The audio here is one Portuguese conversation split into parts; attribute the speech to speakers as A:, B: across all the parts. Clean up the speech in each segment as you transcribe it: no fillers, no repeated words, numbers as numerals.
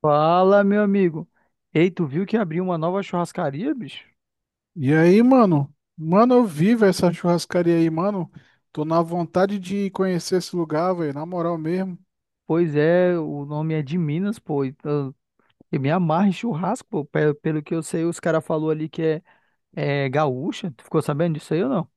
A: Fala, meu amigo. Ei, tu viu que abriu uma nova churrascaria, bicho?
B: E aí, mano? Mano, eu vivo essa churrascaria aí, mano. Tô na vontade de conhecer esse lugar, velho, na moral mesmo.
A: Pois é, o nome é de Minas, pô. Eu, eu me amarro em churrasco, pô. Pelo que eu sei, os caras falou ali é gaúcha. Tu ficou sabendo disso aí ou não?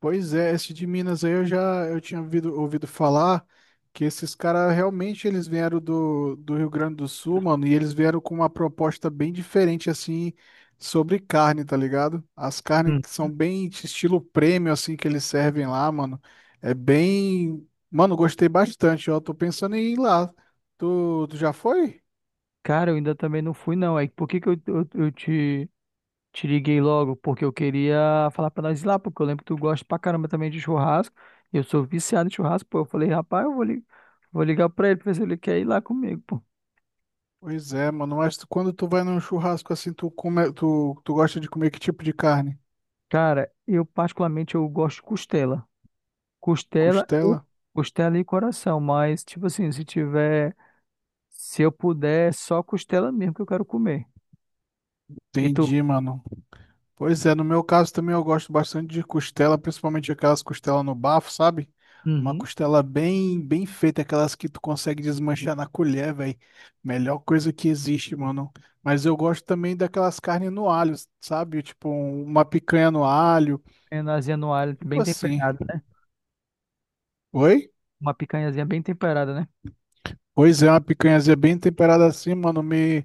B: Pois é, esse de Minas aí eu já eu tinha ouvido falar que esses caras realmente eles vieram do Rio Grande do Sul, mano, e eles vieram com uma proposta bem diferente, assim, sobre carne, tá ligado? As carnes
A: Hum.
B: que são bem estilo prêmio, assim, que eles servem lá, mano. É bem, mano, gostei bastante, ó. Tô pensando em ir lá. Tu já foi?
A: Cara, eu ainda também não fui, não. Aí, por que que eu te liguei logo? Porque eu queria falar pra nós ir lá, porque eu lembro que tu gosta pra caramba também de churrasco. Eu sou viciado em churrasco, pô. Eu falei, rapaz, vou ligar pra ele pra ver se ele quer ir lá comigo, pô.
B: Pois é, mano, mas quando tu vai num churrasco assim, tu come, tu gosta de comer que tipo de carne?
A: Cara, eu particularmente eu gosto de costela. Costela e
B: Costela?
A: costela e coração, mas tipo assim, se tiver, se eu puder, é só costela mesmo que eu quero comer. E tu?
B: Entendi, mano. Pois é, no meu caso também eu gosto bastante de costela, principalmente aquelas costelas no bafo, sabe? Uma
A: Uhum.
B: costela bem feita, aquelas que tu consegue desmanchar na colher, velho. Melhor coisa que existe, mano. Mas eu gosto também daquelas carnes no alho, sabe? Tipo, uma picanha no alho,
A: Penazinha no alho,
B: tipo
A: bem
B: assim.
A: temperada, né?
B: Oi?
A: Uma picanhazinha bem temperada, né?
B: Pois é, uma picanhazinha bem temperada assim, mano, me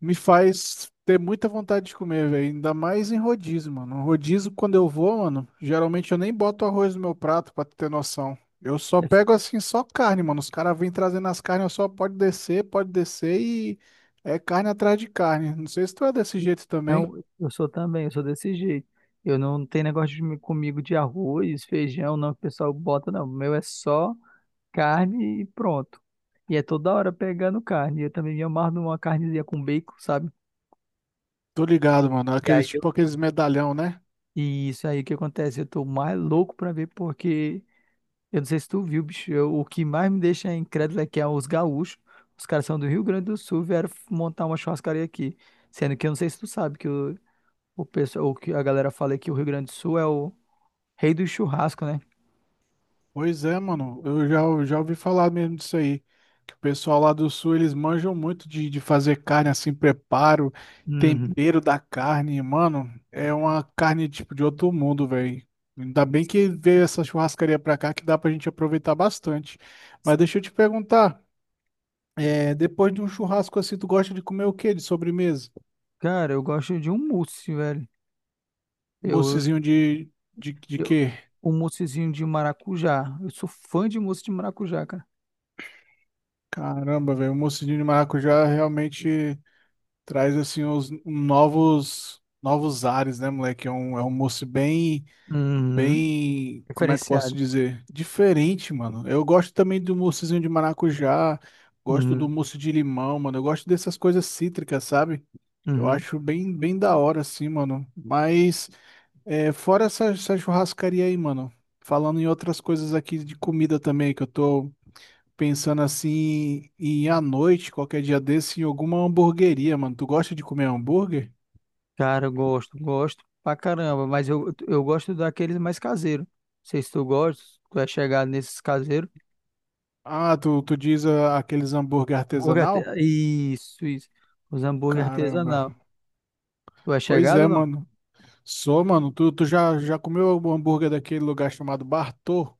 B: me faz ter muita vontade de comer, velho. Ainda mais em rodízio, mano. Um rodízio, quando eu vou, mano, geralmente eu nem boto arroz no meu prato, pra tu ter noção. Eu só pego assim, só carne, mano. Os caras vêm trazendo as carnes, eu só pode descer e é carne atrás de carne. Não sei se tu é desse jeito
A: Não,
B: também.
A: eu sou desse jeito. Eu não tenho negócio comigo de arroz, feijão, não, que o pessoal bota, não. O meu é só carne e pronto. E é toda hora pegando carne. Eu também me amarro numa carnezinha com bacon, sabe?
B: Tô ligado, mano. Aqueles tipo aqueles medalhão, né?
A: E isso aí que acontece, eu tô mais louco pra ver, porque eu não sei se tu viu, bicho, o que mais me deixa incrédulo é que os gaúchos, os caras são do Rio Grande do Sul, montar uma churrascaria aqui, sendo que eu não sei se tu sabe que o pessoal, o que a galera fala é que o Rio Grande do Sul é o rei do churrasco, né?
B: Pois é, mano. Eu já ouvi falar mesmo disso aí. Que o pessoal lá do sul, eles manjam muito de fazer carne assim, preparo,
A: Uhum.
B: tempero da carne. Mano, é uma carne tipo de outro mundo, velho. Ainda bem que veio essa churrascaria pra cá que dá pra gente aproveitar bastante. Mas deixa eu te perguntar, é, depois de um churrasco assim, tu gosta de comer o quê de sobremesa?
A: Cara, eu gosto de um mousse, velho. Eu,
B: Moussezinho de
A: eu,
B: quê?
A: um moussezinho de maracujá. Eu sou fã de mousse de maracujá, cara.
B: Caramba, velho, o moussezinho de maracujá realmente. Traz assim os novos novos ares, né, moleque? É um moço bem,
A: Uhum.
B: bem, como é que eu posso
A: Diferenciado.
B: dizer? Diferente, mano. Eu gosto também do moussezinho de maracujá, gosto do
A: Uhum.
B: mousse de limão, mano. Eu gosto dessas coisas cítricas, sabe? Eu
A: Uhum.
B: acho bem da hora, assim, mano. Mas é, fora essa churrascaria aí, mano. Falando em outras coisas aqui de comida também, que eu tô pensando assim em ir à noite, qualquer dia desse, em alguma hamburgueria, mano. Tu gosta de comer hambúrguer?
A: Cara, eu gosto pra caramba, mas eu gosto daqueles mais caseiros. Não sei se tu gosta, se tu é chegado nesses caseiros.
B: Ah, tu diz ah, aqueles hambúrguer artesanal?
A: Isso, isso. Os hambúrguer
B: Caramba.
A: artesanal. Tu é
B: Pois
A: chegado
B: é,
A: ou não?
B: mano. Sou, mano. Tu já, já comeu algum hambúrguer daquele lugar chamado Bartô?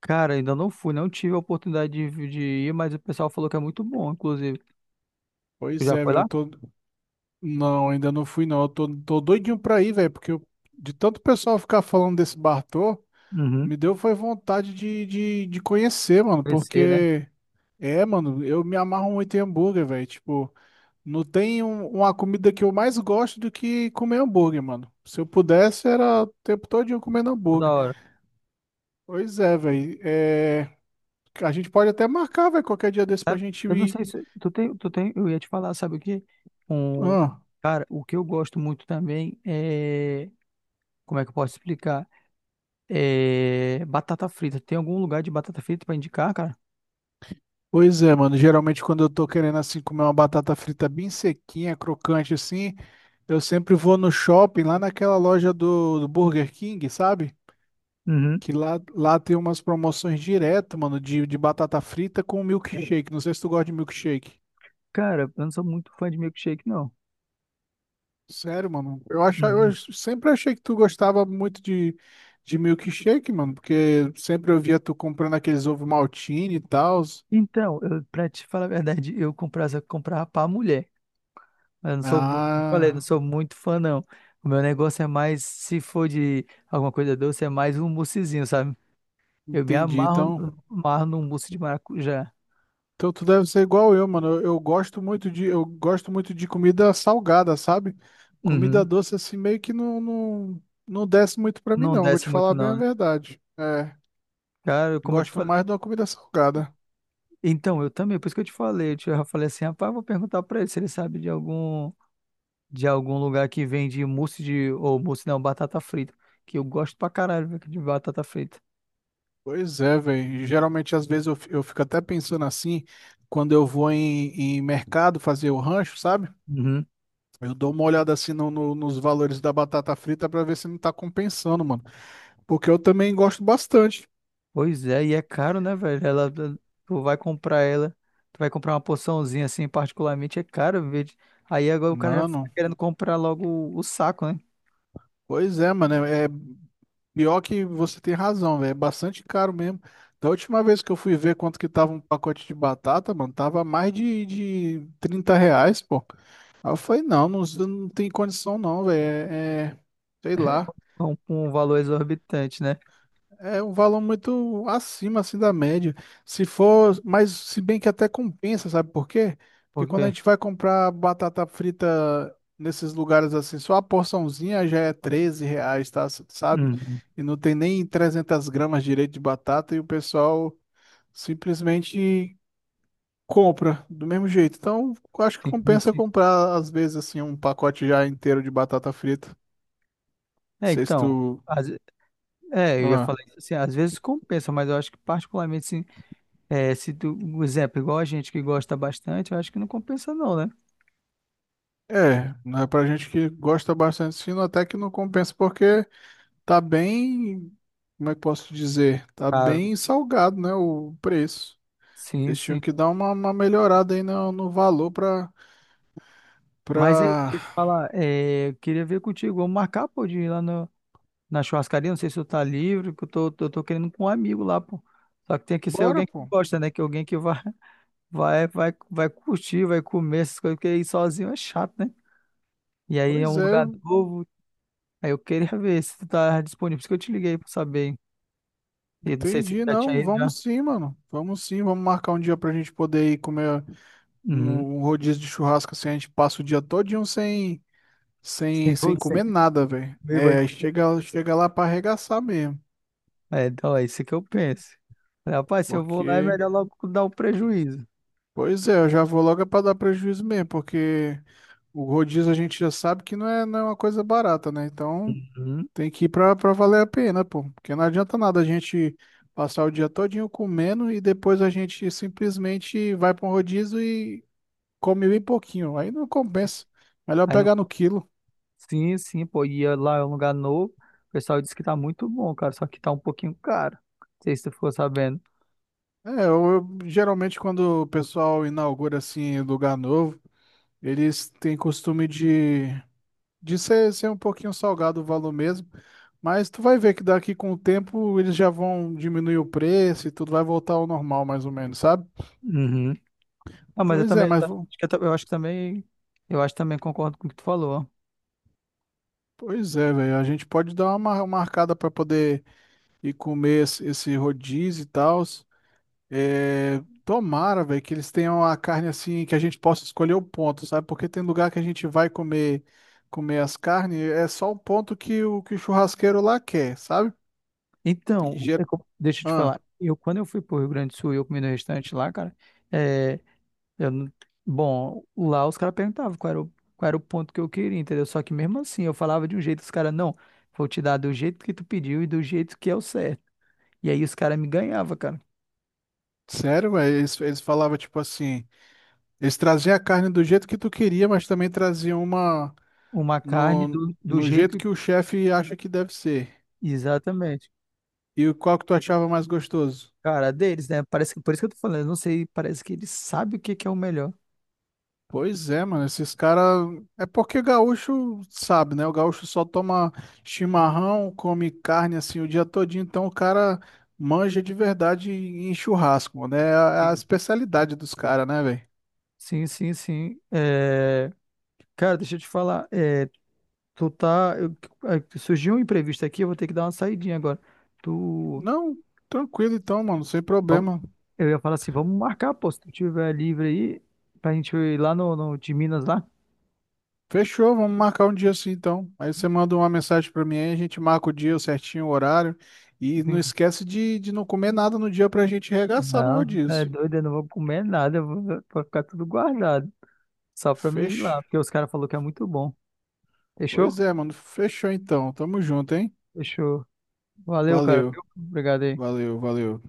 A: Cara, ainda não fui, não tive a oportunidade de ir, mas o pessoal falou que é muito bom, inclusive. Tu
B: Pois
A: já
B: é,
A: foi
B: velho.
A: lá?
B: Eu tô. Não, ainda não fui, não. Eu tô, tô doidinho pra ir, velho. Porque de tanto pessoal ficar falando desse Bartô,
A: Uhum.
B: me deu foi vontade de conhecer, mano.
A: Conhecer, né?
B: Porque. É, mano, eu me amarro muito em hambúrguer, velho. Tipo. Não tem uma comida que eu mais gosto do que comer hambúrguer, mano. Se eu pudesse, era o tempo todinho comendo
A: Toda
B: hambúrguer.
A: hora.
B: Pois é, velho. É, a gente pode até marcar, velho, qualquer dia desse pra gente
A: Eu não
B: ir.
A: sei se tu tem, tu tem, eu ia te falar, sabe o quê? Um,
B: Ah,
A: cara, o que eu gosto muito também é, como é que eu posso explicar? É, batata frita. Tem algum lugar de batata frita pra indicar, cara?
B: pois é, mano. Geralmente, quando eu tô querendo, assim, comer uma batata frita bem sequinha, crocante, assim, eu sempre vou no shopping, lá naquela loja do Burger King, sabe?
A: Uhum.
B: Que lá tem umas promoções direto, mano, de batata frita com milkshake. Não sei se tu gosta de milkshake.
A: Cara, eu não sou muito fã de milkshake, não.
B: Sério, mano. Eu achava, eu
A: Uhum.
B: sempre achei que tu gostava muito de milkshake, mano, porque sempre eu via tu comprando aqueles ovo maltine e tal.
A: Então, eu, pra te falar a verdade, comprava pra mulher. Eu não sou, como eu falei, não
B: Ah,
A: sou muito fã, não. O meu negócio é mais, se for de alguma coisa doce, é mais um moussezinho, sabe? Eu me
B: entendi.
A: amarro,
B: Então,
A: amarro num mousse de maracujá.
B: então tu deve ser igual eu, mano. Eu gosto muito de, eu gosto muito de comida salgada, sabe? Comida
A: Uhum.
B: doce assim meio que não desce muito pra mim,
A: Não
B: não. Vou
A: desce
B: te
A: muito,
B: falar bem a
A: não, né?
B: verdade. É,
A: Cara, como eu te
B: gosto
A: falei.
B: mais de uma comida salgada.
A: Então, eu também, por isso que eu te falei. Eu falei assim, rapaz, eu vou perguntar pra ele se ele sabe de algum. De algum lugar que vende mousse de. Ou mousse não, batata frita. Que eu gosto pra caralho, velho, de batata frita.
B: Pois é, velho. Geralmente, às vezes, eu, eu fico até pensando assim, quando eu vou em mercado fazer o rancho, sabe?
A: Uhum.
B: Eu dou uma olhada assim nos valores da batata frita pra ver se não tá compensando, mano. Porque eu também gosto bastante.
A: Pois é, e é caro, né, velho? Ela, tu vai comprar uma porçãozinha assim, particularmente, é caro, velho. Aí agora o cara já fica
B: Mano,
A: querendo comprar logo o saco, né?
B: pois é, mano. É pior que você tem razão, velho. É bastante caro mesmo. Da última vez que eu fui ver quanto que tava um pacote de batata, mano, tava mais de 30 reais, pô. Aí eu falei, não tem condição não, velho. É, sei lá.
A: Com um valor exorbitante, né?
B: É um valor muito acima assim da média. Se for, mas se bem que até compensa, sabe por quê? Porque quando a
A: Porque.
B: gente vai comprar batata frita nesses lugares assim, só a porçãozinha já é 13 reais, tá? Sabe?
A: Uhum.
B: E não tem nem 300 gramas direito de batata e o pessoal simplesmente compra do mesmo jeito. Então, eu acho que
A: Tem
B: compensa
A: isso.
B: comprar às vezes assim um pacote já inteiro de batata frita. Não
A: É,
B: sei se
A: então.
B: tu...
A: às- é, eu ia falar
B: ah.
A: isso assim, às vezes compensa, mas eu acho que particularmente, assim, é, se tu, um exemplo, igual a gente que gosta bastante, eu acho que não compensa não, né?
B: É, né, pra gente que gosta bastante de sino, até que não compensa, porque tá bem, como é que posso dizer? Tá
A: Claro.
B: bem salgado, né, o preço.
A: Sim,
B: Eles tinham
A: sim.
B: que dar uma melhorada aí no valor pra,
A: Mas aí,
B: pra...
A: deixa eu te falar, é, eu queria ver contigo, vamos marcar, pô, de ir lá na churrascaria, não sei se tu tá livre, que tô querendo ir com um amigo lá, pô. Só que tem que ser
B: Bora,
A: alguém que
B: pô.
A: gosta, né? Que alguém que vai, vai curtir, vai comer essas coisas, porque ir sozinho é chato, né? E aí é
B: Pois
A: um
B: é,
A: lugar novo, aí eu queria ver se tu tá disponível, por isso que eu te liguei pra saber, hein? E não sei se tu
B: entendi,
A: já tinha
B: não,
A: ido já.
B: vamos sim, mano. Vamos sim, vamos marcar um dia pra gente poder ir comer
A: Uhum.
B: um, um rodízio de churrasco, assim, a gente passa o dia todinho sem,
A: Sem,
B: sem comer nada, velho.
A: sem,
B: É, chega, chega lá pra arregaçar mesmo,
A: é, então é isso que eu penso. Rapaz, se eu vou lá, é
B: porque...
A: melhor logo dar o prejuízo.
B: Pois é, eu já vou logo para dar prejuízo mesmo, porque o rodízio a gente já sabe que não é, não é uma coisa barata, né? Então
A: Uhum.
B: tem que ir para valer a pena, pô. Porque não adianta nada a gente passar o dia todinho comendo e depois a gente simplesmente vai para um rodízio e come bem pouquinho. Aí não compensa. Melhor
A: Aí não...
B: pegar no quilo.
A: Sim, sim, pô, e lá é um lugar novo. O pessoal disse que tá muito bom, cara, só que tá um pouquinho caro. Não sei se tu ficou sabendo.
B: É, eu, geralmente quando o pessoal inaugura assim lugar novo, eles têm costume de ser, ser um pouquinho salgado o valor mesmo, mas tu vai ver que daqui com o tempo eles já vão diminuir o preço e tudo vai voltar ao normal mais ou menos, sabe?
A: Uhum. Ah, mas eu
B: Pois é,
A: também, eu
B: mas
A: tam- acho que eu, tam- eu acho que também, eu acho que também concordo com o que tu falou.
B: pois é, velho, a gente pode dar uma marcada para poder ir comer esse, esse rodízio e tal. É, tomara, velho, que eles tenham a carne assim que a gente possa escolher o ponto, sabe? Porque tem lugar que a gente vai comer as carnes, é só o ponto que o churrasqueiro lá quer, sabe? E,
A: Deixa eu te
B: ah.
A: falar. Eu, quando eu fui pro Rio Grande do Sul, e eu comi no restaurante lá, cara. eh, Eu, não- bom, lá os caras perguntavam qual era o ponto que eu queria, entendeu? Só que mesmo assim, eu falava de um jeito, os caras, não, vou te dar do jeito que tu pediu e do jeito que é o certo. E aí os caras me ganhavam, cara.
B: Sério, velho? Eles falavam tipo assim, eles traziam a carne do jeito que tu queria, mas também traziam uma
A: Uma carne
B: no,
A: do
B: no jeito
A: jeito.
B: que o chefe acha que deve ser.
A: Exatamente.
B: E qual que tu achava mais gostoso?
A: Cara, deles, né? Parece que, por isso que eu tô falando, eu não sei, parece que eles sabem o que que é o melhor.
B: Pois é, mano, esses caras. É porque gaúcho sabe, né? O gaúcho só toma chimarrão, come carne assim o dia todinho, então o cara manja de verdade em churrasco, né? É a especialidade dos caras, né, velho?
A: Sim, sim, sim. É, cara, deixa eu te falar. É, Tu tá. eu- é, surgiu um imprevisto aqui, eu vou ter que dar uma saidinha agora. Tu.
B: Não, tranquilo então, mano, sem
A: Vamos,
B: problema.
A: eu ia falar assim, vamos marcar, pô, se tu tiver livre aí, pra gente ir lá no de Minas lá.
B: Fechou, vamos marcar um dia assim então. Aí você manda uma mensagem pra mim aí, a gente marca o dia certinho, o horário. E não
A: Hum.
B: esquece de não comer nada no dia pra gente regaçar no
A: Não, tá é
B: rodízio.
A: doido, eu não vou comer nada, vou ficar tudo guardado. Só pra mim ir
B: Fechou.
A: lá, porque os caras falaram que é muito bom.
B: Pois
A: Fechou?
B: é, mano, fechou então. Tamo junto, hein?
A: Fechou. Valeu, cara,
B: Valeu,
A: viu? Obrigado aí.
B: valeu, valeu.